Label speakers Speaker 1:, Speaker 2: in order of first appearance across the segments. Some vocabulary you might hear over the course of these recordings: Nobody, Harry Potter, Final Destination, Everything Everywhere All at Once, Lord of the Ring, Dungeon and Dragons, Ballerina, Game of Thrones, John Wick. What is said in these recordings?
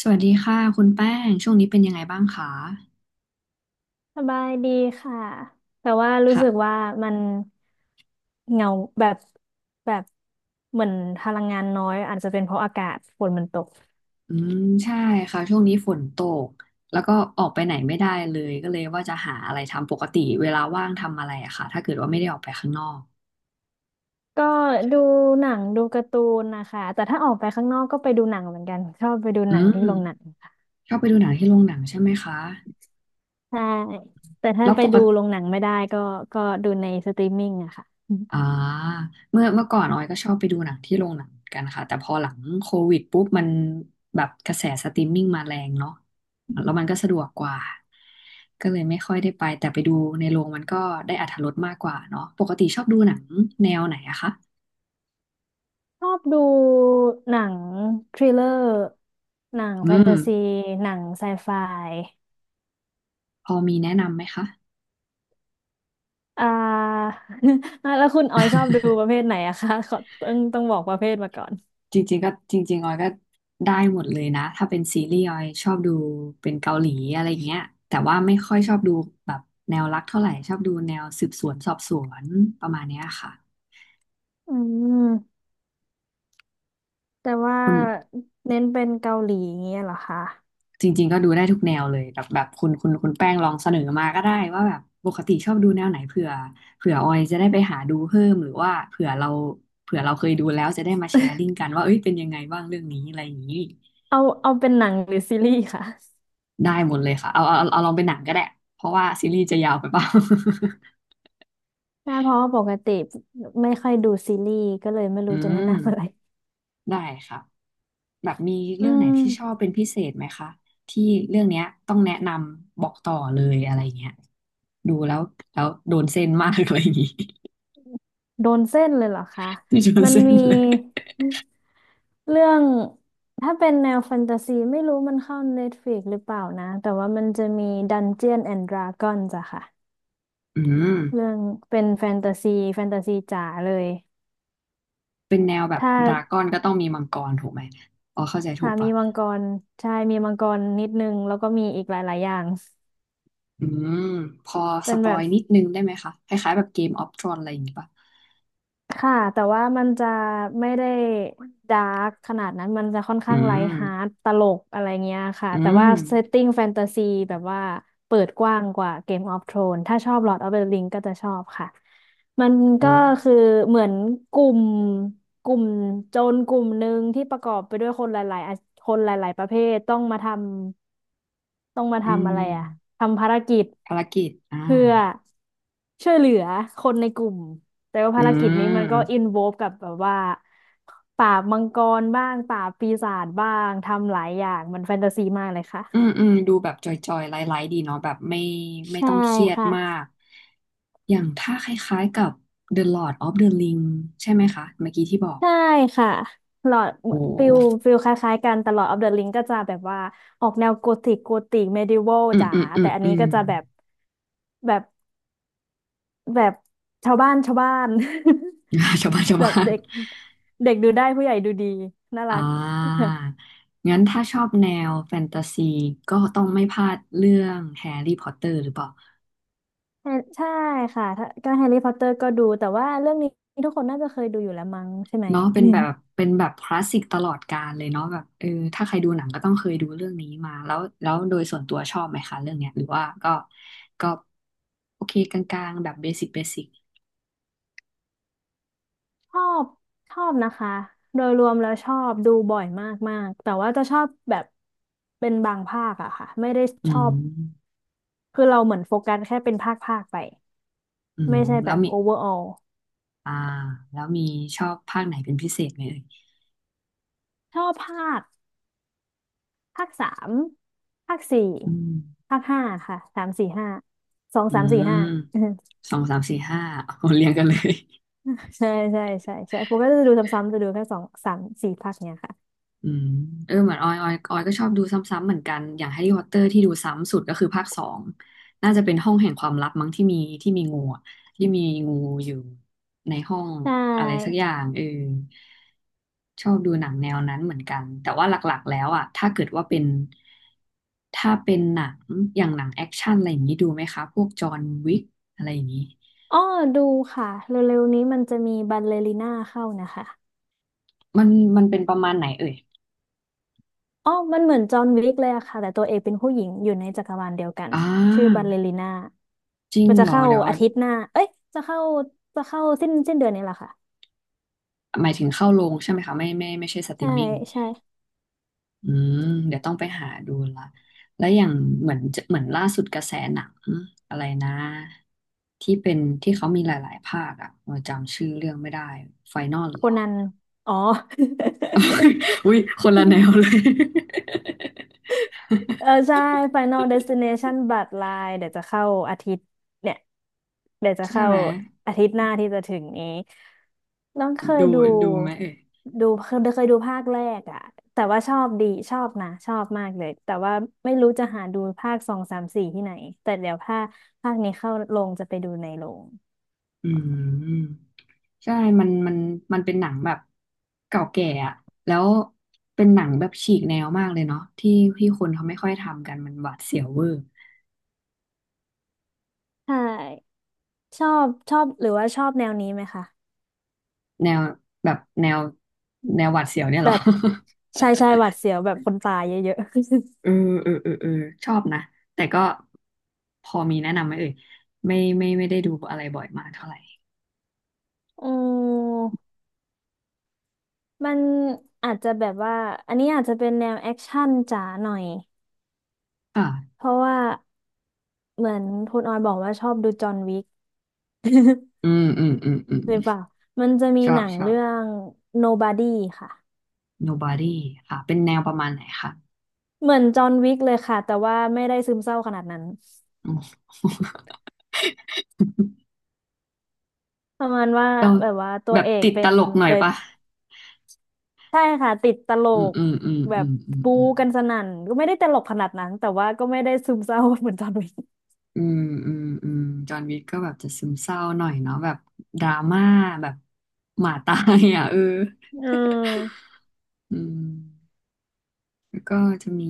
Speaker 1: สวัสดีค่ะคุณแป้งช่วงนี้เป็นยังไงบ้างคะ
Speaker 2: สบายดีค่ะ แต่ว่ารู้
Speaker 1: ค่ะ
Speaker 2: สึกว่ามันเหงาแบบแบบเหมือนพลังงานน้อยอาจจะเป็นเพราะอากาศฝนมันตก
Speaker 1: อืมใช่ค่ะช่วงนี้ฝนตกแล้วก็ออกไปไหนไม่ได้เลยก็เลยว่าจะหาอะไรทำปกติเวลาว่างทำอะไรอะค่ะถ้าเกิดว่าไม่ได้ออกไปข้างนอก
Speaker 2: ก็ดูหนังดูการ์ตูนนะคะ แต่ถ้าออกไปข้างนอกก็ไปดูหนังเหมือนกันชอบไปดู
Speaker 1: อื
Speaker 2: หนัง
Speaker 1: ม
Speaker 2: ที่โรงหนังค่ะ
Speaker 1: ชอบไปดูหนังที่โรงหนังใช่ไหมคะ
Speaker 2: ใช่แต่ถ้า
Speaker 1: แล้ว
Speaker 2: ไป
Speaker 1: ปก
Speaker 2: ดู
Speaker 1: ติ
Speaker 2: โรงหนังไม่ได้ก็ก็ดูในสตรีมมิ่งอะค่ะ
Speaker 1: อ่าเมื่อก่อนออยก็ชอบไปดูหนังที่โรงหนังกันค่ะแต่พอหลังโควิดปุ๊บมันแบบกระแสสตรีมมิ่งมาแรงเนาะแล้วมันก็สะดวกกว่าก็เลยไม่ค่อยได้ไปแต่ไปดูในโรงมันก็ได้อรรถรสมากกว่าเนาะปกติชอบดูหนังแนวไหนอะคะ
Speaker 2: ชอบดูหนังทริลเลอร์หนัง
Speaker 1: อื
Speaker 2: แฟน
Speaker 1: ม
Speaker 2: ตาซีหนังไซไฟ
Speaker 1: พอมีแนะนำไหมคะ
Speaker 2: อ่า แล้วคุณออยชอบดูประเภทไหนอะคะขอต้องบอกประเภทมาก่อน
Speaker 1: จริงๆก็จริงๆออยก็ได้หมดเลยนะถ้าเป็นซีรีส์ออยชอบดูเป็นเกาหลีอะไรอย่างเงี้ยแต่ว่าไม่ค่อยชอบดูแบบแนวรักเท่าไหร่ชอบดูแนวสืบสวนสอบสวนประมาณเนี้ยค่ะ
Speaker 2: อืมแต่ว่า
Speaker 1: คุณ
Speaker 2: เน้นเป็นเกาหลีอย่างเงี้ยเหรอคะ
Speaker 1: จริงๆก็ดูได้ทุกแนวเลยแบบแบบคุณแป้งลองเสนอมาก็ได้ว่าแบบปกติชอบดูแนวไหนเผื่อออยจะได้ไปหาดูเพิ่มหรือว่าเผื่อเราเคยดูแล้วจะได้มาแชร์ลิงก์กันว่าเอ้ยเป็นยังไงบ้างเรื่องนี้อะไรอย่างนี้
Speaker 2: เอาเอาเป็นหนังหรือซีรีส์ค่ะ
Speaker 1: ได้หมดเลยค่ะเอาลองเป็นหนังก็ได้เพราะว่าซีรีส์จะยาวไปเปล่า
Speaker 2: ใช่เพราะว่าปกติไม่ค่อยดูซีรีส์ก็เลยไม่
Speaker 1: อื
Speaker 2: รู้จะแนะ
Speaker 1: ม
Speaker 2: นำอะไร
Speaker 1: ได้ค่ะแบบมี
Speaker 2: อื
Speaker 1: เรื่องไหน
Speaker 2: ม
Speaker 1: ที่ชอบเป็นพิเศษไหมคะที่เรื่องเนี้ยต้องแนะนำบอกต่อเลยอะไรเงี้ยดูแล้วแล้วโดนเส้นมากอะไรอย่างงี้
Speaker 2: โดนเส้นเลยเหรอคะ
Speaker 1: ที่โดน
Speaker 2: มัน
Speaker 1: เส้น
Speaker 2: มี
Speaker 1: เลย
Speaker 2: เรื่องถ้าเป็นแนวแฟนตาซีไม่รู้มันเข้า Netflix หรือเปล่านะแต่ว่ามันจะมี Dungeon and Dragons อะค่ะ
Speaker 1: อืม
Speaker 2: เรื่องเป็นแฟนตาซีแฟนตาซีจ๋าเลย
Speaker 1: เป็นแนวแบบ
Speaker 2: ถ้า
Speaker 1: ดราก้อนก็ต้องมีมังกรถูกไหมอ๋อเข้าใจถู
Speaker 2: ค่ะ
Speaker 1: ก
Speaker 2: มี
Speaker 1: ปะ
Speaker 2: มังกรใช่มีมังกรนิดนึงแล้วก็มีอีกหลาย ๆ อย่าง
Speaker 1: อืมพอส
Speaker 2: เป็น
Speaker 1: ป
Speaker 2: แบ
Speaker 1: อย
Speaker 2: บ
Speaker 1: นิดนึงได้ไหมคะคล้ายๆแบบเกมออฟทรอนอะไรอย่างงี้ปะ
Speaker 2: ค่ะแต่ว่ามันจะไม่ได้ดาร์กขนาดนั้นมันจะค่อน
Speaker 1: อื
Speaker 2: ข้างไล
Speaker 1: ม
Speaker 2: ท์ฮาร์ดตลกอะไรเงี้ยค่ะ
Speaker 1: อื
Speaker 2: แต่
Speaker 1: ม
Speaker 2: ว่าเซตติ้งแฟนตาซีแบบว่าเปิดกว้างกว่า Game of Thrones ถ้าชอบ Lord of the Ring ก็จะชอบค่ะมันก็
Speaker 1: โอ้
Speaker 2: คือเหมือนกลุ่มกลุ่มโจรกลุ่มหนึ่งที่ประกอบไปด้วยคนหลายๆคนหลายๆประเภทต้องมาทำต้องมา
Speaker 1: อื
Speaker 2: ทำอะไร
Speaker 1: ม
Speaker 2: อะทำภารกิจ
Speaker 1: ภารกิจ
Speaker 2: เพื่อช่วยเหลือคนในกลุ่ม แต่ว่า
Speaker 1: อื
Speaker 2: ภารกิจนี้มัน
Speaker 1: ม
Speaker 2: ก็อินโวลกับแบบว่าปราบมังกรบ้างปราบปีศาจบ้างทำหลายอย่างมันแฟนตาซีมากเลยค่ะ
Speaker 1: อืมอืมดูแบบจอยๆไลท์ๆดีเนาะแบบไม่
Speaker 2: ใช่
Speaker 1: ต้องเครียด
Speaker 2: ค่ะ
Speaker 1: มากอย่างถ้าคล้ายๆกับ The Lord of the Ring ใช่ไหมคะเมื่อกี้ที่บอก
Speaker 2: ใช่ค่ะหลอด
Speaker 1: โอ้
Speaker 2: ฟิลฟิลคล้ายๆกันแต่หลอดออฟเดอะลิงก็จะแบบว่าออกแนวโกธิกโกธิกเมดิวัล
Speaker 1: อืม
Speaker 2: จ๋า
Speaker 1: อืมอื
Speaker 2: แต่
Speaker 1: ม
Speaker 2: อัน
Speaker 1: อื
Speaker 2: นี้
Speaker 1: ม
Speaker 2: ก็จะแบบแบบชาวบ้านชาวบ้าน
Speaker 1: ชาวบ้านชา ว
Speaker 2: แบบ
Speaker 1: บ้าน
Speaker 2: เด็กเด็กดูได้ผู้ใหญ่ดูดีน่ารั
Speaker 1: อ่
Speaker 2: ก
Speaker 1: างั้นถ้าชอบแนวแฟนตาซีก็ต้องไม่พลาดเรื่องแฮร์รี่พอตเตอร์หรือเปล่า
Speaker 2: แฮร์ใช่ค่ะถ้าก็แฮร์รี่พอตเตอร์ก็ดูแต่ว่าเรื่องนี้ทุกคนน่าจะเคยดูอยู่แล้วมั้งใช่ไหม
Speaker 1: เนาะเป็นแบบเป็นแบบคลาสสิกตลอดกาลเลยเนาะแบบเออถ้าใครดูหนังก็ต้องเคยดูเรื่องนี้มาแล้วแล้วโดยส่วนตัวชอบไหมคะเรื่องเนี้ยหรือว่าก็โอเคกลางๆแบบเบสิกเบสิก
Speaker 2: ชอบชอบนะคะโดยรวมแล้วชอบดูบ่อยมากมากแต่ว่าจะชอบแบบเป็นบางภาคอะค่ะไม่ได้
Speaker 1: อื
Speaker 2: ชอบ
Speaker 1: ม
Speaker 2: คือเราเหมือนโฟกัสแค่เป็นภาคภาคไป
Speaker 1: อืม
Speaker 2: ไม่ใช่
Speaker 1: แล้
Speaker 2: แบ
Speaker 1: ว
Speaker 2: บ
Speaker 1: มี
Speaker 2: โอเวอร์ออล
Speaker 1: อ่าแล้วมีชอบภาคไหนเป็นพิเศษไหมเอ่ย
Speaker 2: ชอบภาคสามภาคสี่
Speaker 1: อืม
Speaker 2: ภาคห้าค่ะสามสี่ห้าสอง
Speaker 1: อื
Speaker 2: สามสี่
Speaker 1: ม
Speaker 2: ห้า
Speaker 1: สองสามสี่ห้าเอาเรียงกันเลย
Speaker 2: ใช่ใช่ใช่ใช่ผมก็จะดูซ้ำๆจะดูแค่สองสามสี่ภาคเนี้ยค่ะ
Speaker 1: อืมเออเหมือนออยก็ชอบดูซ้ำๆเหมือนกันอย่างแฮร์รี่พอตเตอร์ที่ดูซ้ำสุดก็คือภาคสองน่าจะเป็นห้องแห่งความลับมั้งที่มีงูอะที่มีงูอยู่ในห้อง
Speaker 2: ได
Speaker 1: อะไรสักอ
Speaker 2: ้
Speaker 1: ย่างเออชอบดูหนังแนวนั้นเหมือนกันแต่ว่าหลักๆแล้วอ่ะถ้าเกิดว่าเป็นถ้าเป็นหนังอย่างหนังแอคชั่นอะไรอย่างนี้ดูไหมคะพวกจอห์นวิกอะไรอย่างนี้
Speaker 2: อ้อดูค่ะเร็วๆนี้มันจะมีบัลเลริน่าเข้านะคะ
Speaker 1: มันมันเป็นประมาณไหนเอ่ย
Speaker 2: อ้อมันเหมือนจอห์นวิกเลยอะค่ะแต่ตัวเอกเป็นผู้หญิงอยู่ในจักรวาลเดียวกัน
Speaker 1: อ่
Speaker 2: ชื่อบัล
Speaker 1: า
Speaker 2: เลริน่า
Speaker 1: จริง
Speaker 2: มันจะ
Speaker 1: เหรอ
Speaker 2: เข้า
Speaker 1: เดี๋ยวออ
Speaker 2: อา
Speaker 1: ย
Speaker 2: ทิตย์หน้า เอ้ยจะเข้าจะเข้าสิ้นเดือนนี้แหละค่ะ
Speaker 1: หมายถึงเข้าโรงใช่ไหมคะไม่ไม่ใช่สตรี
Speaker 2: ใช่
Speaker 1: มมิ่ง
Speaker 2: ใช่
Speaker 1: อืมเดี๋ยวต้องไปหาดูละแล้วอย่างเหมือนจะเหมือนล่าสุดกระแสหนังอะไรนะที่เขามีหลายๆภาคอ่ะเออจำชื่อเรื่องไม่ได้ไฟนอล
Speaker 2: โค
Speaker 1: เหรอ
Speaker 2: นันอ๋อ
Speaker 1: อุ้ยคนละแนว เลย
Speaker 2: เออใช่ Final Destination บัตรลายเดี๋ยวจะเข้าอาทิตย์เนี่ยเดี๋ยวจะ
Speaker 1: ใช่
Speaker 2: เข้า
Speaker 1: ไหม
Speaker 2: อาทิตย์หน้าที่จะถึงนี้น้องเคย
Speaker 1: ดู
Speaker 2: ดู
Speaker 1: ดูไหมเอ่ย
Speaker 2: ดูเคยเคยดูภาคแรกอะแต่ว่าชอบดีชอบนะชอบมากเลยแต่ว่าไม่รู้จะหาดูภาคสองสามสี่ที่ไหนแต่เดี๋ยวภาคนี้เข้าโรงจะไปดูในโรง
Speaker 1: อืมใช่มันมันมันเป็นหนังแบบเก่าแก่อะแล้วเป็นหนังแบบฉีกแนวมากเลยเนาะที่ที่คนเขาไม่ค่อยทำกันมันหวาดเสียวเวอร์
Speaker 2: ใช่ชอบชอบหรือว่าชอบแนวนี้ไหมคะ
Speaker 1: แนวแบบแนวแนวหวาดเสียวเนี่ยเห
Speaker 2: แบ
Speaker 1: รอ
Speaker 2: บชายชายหวาดเสียวแบบคนตายเยอะ
Speaker 1: เออเออเออชอบนะแต่ก็พอมีแนะนำไหมเอ่ยไม่ไม่ได้ดูอะไรบ่อยมากเท่าไหร่
Speaker 2: ๆ ม มันอาจจะแบบว่าอันนี้อาจจะเป็นแนวแอคชั่นจ๋าหน่อย
Speaker 1: ค่ะ
Speaker 2: เพราะว่าเหมือนคุณออยบอกว่าชอบดูจอห์นวิก
Speaker 1: อืมอืมอืมอืม
Speaker 2: หรือเปล่ามันจะมี
Speaker 1: ชอ
Speaker 2: ห
Speaker 1: บ
Speaker 2: นัง
Speaker 1: ชอบ
Speaker 2: เรื่อง Nobody ค่ะ
Speaker 1: Nobody ค่ะเป็นแนวประมาณไหนคะ
Speaker 2: เหมือนจอห์นวิกเลยค่ะแต่ว่าไม่ได้ซึมเศร้าขนาดนั้น
Speaker 1: อืม
Speaker 2: ประมาณว่า
Speaker 1: ก็
Speaker 2: แบบว่าตัว
Speaker 1: แบบ
Speaker 2: เอก
Speaker 1: ติด
Speaker 2: เป็
Speaker 1: ต
Speaker 2: น
Speaker 1: ลกหน่อ
Speaker 2: เค
Speaker 1: ย
Speaker 2: ย
Speaker 1: ปะ
Speaker 2: ใช่ค่ะติดตล
Speaker 1: อืม
Speaker 2: ก
Speaker 1: อืมอืม
Speaker 2: แบ
Speaker 1: อื
Speaker 2: บ
Speaker 1: มอื
Speaker 2: ปู
Speaker 1: ม
Speaker 2: กันสนั่นก็ไม่ได้ตลกขนาดนั้นแต่ว่าก็ไม่ได้ซึมเศร้าเหมือนจอห์นวิก
Speaker 1: อืมอืมอืมอืมจอห์นวิกก็แบบจะซึมเศร้าหน่อยเนาะแบบดราม่าแบบหมาตายอ่ะ เออ
Speaker 2: อืม
Speaker 1: อืมแล้วก็จะมี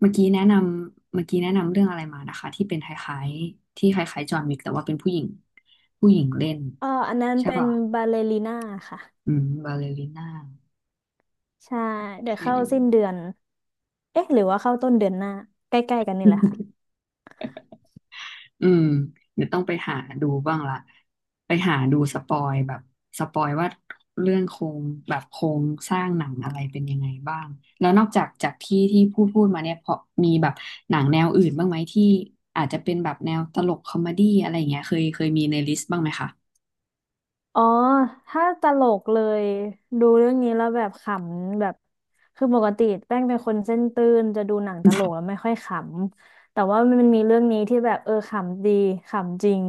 Speaker 1: เมื่อกี้แนะนเมื่อกี้แนะนำเรื่องอะไรมานะคะที่เป็นคล้ายๆที่คล้ายๆจอห์นวิกแต่ว่าเป็นผู้หญิงผู้หญิงเล่น
Speaker 2: เอออันนั้น
Speaker 1: ใช่
Speaker 2: เป็น
Speaker 1: ป่ะ
Speaker 2: บาเลริน่าค่ะ
Speaker 1: อืมบาเลริน่า
Speaker 2: ใช่
Speaker 1: โอ
Speaker 2: เดี๋
Speaker 1: เค
Speaker 2: ยวเข้าสิ้นเดือนเอ๊ะหรือว่าเข้าต้นเดือนหน้าใกล้ๆกันนี่แหละค่ะ
Speaker 1: อืมเดี๋ยวต้องไปหาดูบ้างละไปหาดูสปอยแบบสปอยว่าเรื่องโครงแบบโครงสร้างหนังอะไรเป็นยังไงบ้างแล้วนอกจากที่พูดมาเนี่ยพอมีแบบหนังแนวอื่นบ้างไหมที่อาจจะเป็นแบบแนวตลกคอมเมดี้อะไรอย่างเงี้ยเคยมีในลิสต์บ้างไหมคะ
Speaker 2: อ๋อถ้าตลกเลยดูเรื่องนี้แล้วแบบขำแบบคือปกติแป้งเป็นคนเส้นตื้นจะดูหนังตลกแล้วไม่ค่อยขำแต่ว่ามันมีเรื่องนี้ที่แบบเออขำดีขำจริง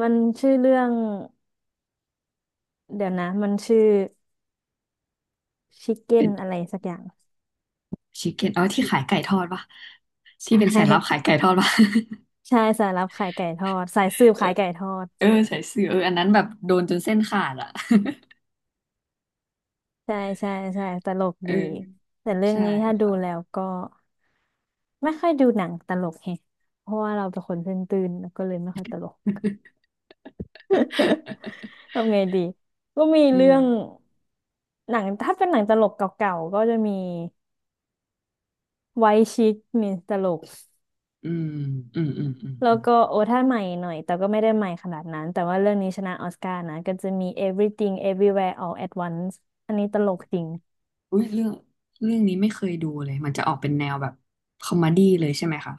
Speaker 2: มันชื่อเรื่องเดี๋ยวนะมันชื่อชิค เก้
Speaker 1: เป็
Speaker 2: น
Speaker 1: น
Speaker 2: อะไรสักอย่าง
Speaker 1: ชิคเก้นอ๋อที่ขายไก่ทอดปะ
Speaker 2: ใช
Speaker 1: ที่เป็นสายลับขาย
Speaker 2: ่
Speaker 1: ไก่ทอดปะ
Speaker 2: ใช่สายลับขายไก่ทอดสายสืบ
Speaker 1: เออ
Speaker 2: ขายไก่ทอด
Speaker 1: เออใส่เสื้อเอออันนั้นแบบโดนจนเส้นขาดอะ
Speaker 2: ใช่ใช่ใช่ตลก
Speaker 1: เออ
Speaker 2: ดีแต่เรื่อง
Speaker 1: ใช่
Speaker 2: นี้ถ้าดู
Speaker 1: ค่ะ
Speaker 2: แล้วก็ไม่ค่อยดูหนังตลกแฮะเพราะว่าเราเป็นคนตื่นๆแล้วก็เลยไม่ค่อยตลก ทำไงดีก็มี
Speaker 1: อื
Speaker 2: เรื่
Speaker 1: ม
Speaker 2: องหนังถ้าเป็นหนังตลกเก่าๆก็จะมีไวท์ชิคมีตลก
Speaker 1: อืมอืมอืมอืม
Speaker 2: แล้
Speaker 1: อื
Speaker 2: ว
Speaker 1: ม
Speaker 2: ก็โอ้ถ้าใหม่หน่อยแต่ก็ไม่ได้ใหม่ขนาดนั้นแต่ว่าเรื่องนี้ชนะออสการ์นะก็จะมี Everything Everywhere All at Once อันนี้ตลกจริง
Speaker 1: อุ้ยเรื่องเรื่องนี้ไม่เคยดูเลยมันจะออกเป็นแนวแบบคอมเมดี้เลยใช่ไหมคะ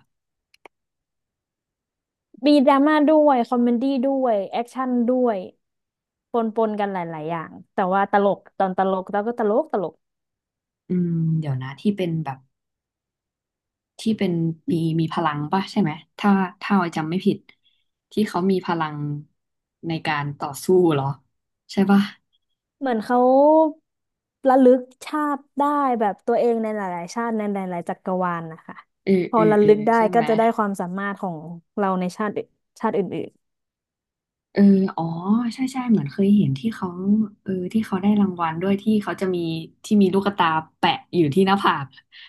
Speaker 2: มีดราม่าด้วยคอมเมดี้ด้วยแอคชั่นด้วยปนปนกันหลายๆอย่างแต่ว่าตลกตอนตลกเราก็ตลกตลก
Speaker 1: อืมเดี๋ยวนะที่เป็นแบบที่เป็นมีพลังป่ะใช่ไหมถ้าถ้าออยจำไม่ผิดที่เขามีพลังในการต่อสู้เหรอใช่ป่ะ
Speaker 2: เหมือนเขาระลึกชาติได้แบบตัวเองในหลายๆชาติในหลายๆจักรวาลนะคะ
Speaker 1: เออ
Speaker 2: พอ
Speaker 1: เออ
Speaker 2: ระ
Speaker 1: เออ
Speaker 2: ลึกได้
Speaker 1: ใช่ไห
Speaker 2: ก็
Speaker 1: ม
Speaker 2: จะได้ความสามารถของเราในชาติอื่นชาติอื่น
Speaker 1: เอออ๋อใช่ใช่เหมือนเคยเห็นที่เขาเออที่เขาได้รางวัลด้วยที่เขาจะมีที่มีลูกตาแปะอยู่ที่หน้าผาก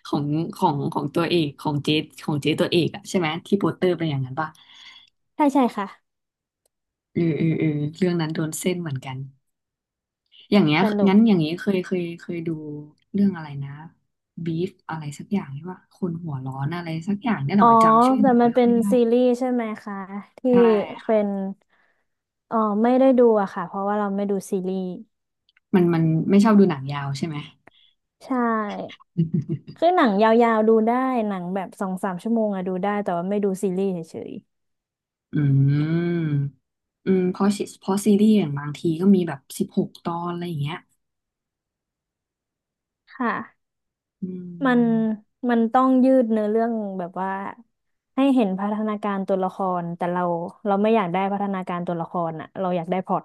Speaker 1: ของของตัวเอกของเจ๊ของเจ๊ตัวเอกอะใช่ไหมที่โปสเตอร์เป็นอย่างนั้นป่ะ
Speaker 2: ๆใช่ใช่ค่ะ
Speaker 1: เออเออเออเรื่องนั้นโดนเส้นเหมือนกันอย่างเงี้ย
Speaker 2: สนุก
Speaker 1: งั้นอย่างงี้เคยดูเรื่องอะไรนะบีฟอะไรสักอย่างที่ว่าคนหัวร้อนอะไรสักอย่างเนี่ยห
Speaker 2: อ๋
Speaker 1: น่
Speaker 2: อ
Speaker 1: อยจำชื่อห
Speaker 2: แต่
Speaker 1: นัง
Speaker 2: มัน
Speaker 1: ไม่
Speaker 2: เป็
Speaker 1: ค่อ
Speaker 2: น
Speaker 1: ยได้
Speaker 2: ซีรีส์ใช่ไหมคะที่
Speaker 1: ใช่ค่ะ
Speaker 2: เป็นอ๋อไม่ได้ดูอะค่ะเพราะว่าเราไม่ดูซีรีส์
Speaker 1: มันไม่ชอบดูหนังยาวใช่ไหม
Speaker 2: ใช่ คือหนังยาวๆดูได้หนังแบบสองสามชั่วโมงอะดูได้แต่ว่าไม่ดูซีรีส์เฉย
Speaker 1: อืม อืมเพราะซีรีส์อย่างบางทีก็มีแบบ16ตอนอะไรอย่างเงี้ย
Speaker 2: ๆค่ะ
Speaker 1: อื
Speaker 2: มัน
Speaker 1: ม
Speaker 2: มันต้องยืดเนื้อเรื่องแบบว่าให้เห็นพัฒนาการตัวละครแต่เราไม่อยากได้พัฒนาการตัวละครอะเราอยากได้พล็อต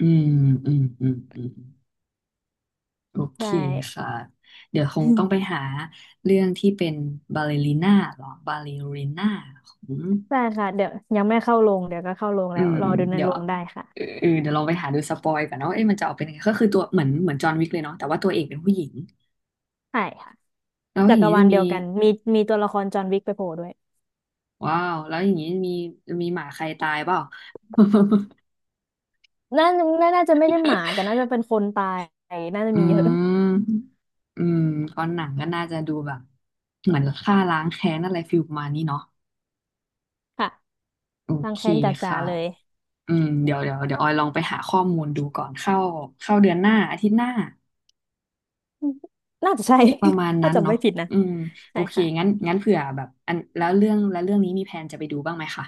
Speaker 1: อืมอืมอืมอืมโอเค
Speaker 2: ใช่
Speaker 1: ค่ะเดี๋ยวคงต้องไปหา เรื่องที่เป็นบาเลริน่าหรอบาเลริน่าของ
Speaker 2: ใช่ค่ะเดี๋ยวยังไม่เข้าโรงเดี๋ยวก็เข้าโรง
Speaker 1: อื
Speaker 2: แล้ว
Speaker 1: ม
Speaker 2: รอดูใน
Speaker 1: เดี๋ย
Speaker 2: โร
Speaker 1: ว
Speaker 2: งได้ค่ะ
Speaker 1: เออเดี๋ยวลองไปหาดูสปอยก่อนเนาะเอ๊ะมันจะออกเป็นยังไงก็คือตัวเหมือนจอห์นวิกเลยเนาะแต่ว่าตัวเอกเป็นผู้หญิง
Speaker 2: ใช่ค่ะ
Speaker 1: แล้ว
Speaker 2: จั
Speaker 1: อย่า
Speaker 2: ก
Speaker 1: ง
Speaker 2: ร
Speaker 1: นี้
Speaker 2: วา
Speaker 1: จะ
Speaker 2: ล
Speaker 1: มี
Speaker 2: เดียวกันมีมีตัวละครจอห์นวิกไปโผล่ด้วย
Speaker 1: ว้าวแล้วอย่างนี้มีจะมีหมาใครตายเปล่า
Speaker 2: น่าน่าจะไม่ใช่หมาแต่น่าจะเป็นคนตายน่าจะ
Speaker 1: อื
Speaker 2: มีเยอะ
Speaker 1: มอืมเพราะหนังก็น่าจะดูแบบเหมือนฆ่าล้างแค้นอะไรฟิลประมาณนี้เนาะ
Speaker 2: ค่ะ
Speaker 1: โอ
Speaker 2: รัง
Speaker 1: เค
Speaker 2: แค้นจ๋า
Speaker 1: ค่ะ
Speaker 2: ๆเลย
Speaker 1: อืมเดี๋ยวออยลองไปหาข้อมูลดูก่อนเข้าเดือนหน้าอาทิตย์หน้า
Speaker 2: น่าจะใช่
Speaker 1: ประมาณ
Speaker 2: ถ้า
Speaker 1: นั้น
Speaker 2: จำไม่
Speaker 1: เนาะ
Speaker 2: ผิดนะ
Speaker 1: อืมโอ
Speaker 2: ใช่
Speaker 1: เค
Speaker 2: ค่ะ
Speaker 1: งั้นเผื่อแบบอันแล้วเรื่องนี้มีแผนจะไปดูบ้างไหมคะ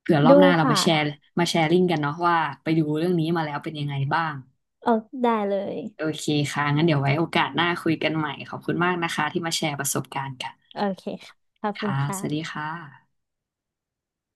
Speaker 1: เผื่อรอ
Speaker 2: ดู
Speaker 1: บหน้าเรา
Speaker 2: ค่ะ
Speaker 1: มาแชร์มาแชร์ลิงก์กันเนาะว่าไปดูเรื่องนี้มาแล้วเป็นยังไงบ้าง
Speaker 2: เออได้เลย
Speaker 1: โอเคค่ะงั้นเดี๋ยวไว้โอกาสหน้าคุยกันใหม่ขอบคุณมากนะคะที่มาแชร์ประสบการณ์กัน
Speaker 2: โอเคค่ะขอบคุณ
Speaker 1: ค่ะสวัสดี
Speaker 2: ค่ะ
Speaker 1: ค่ะ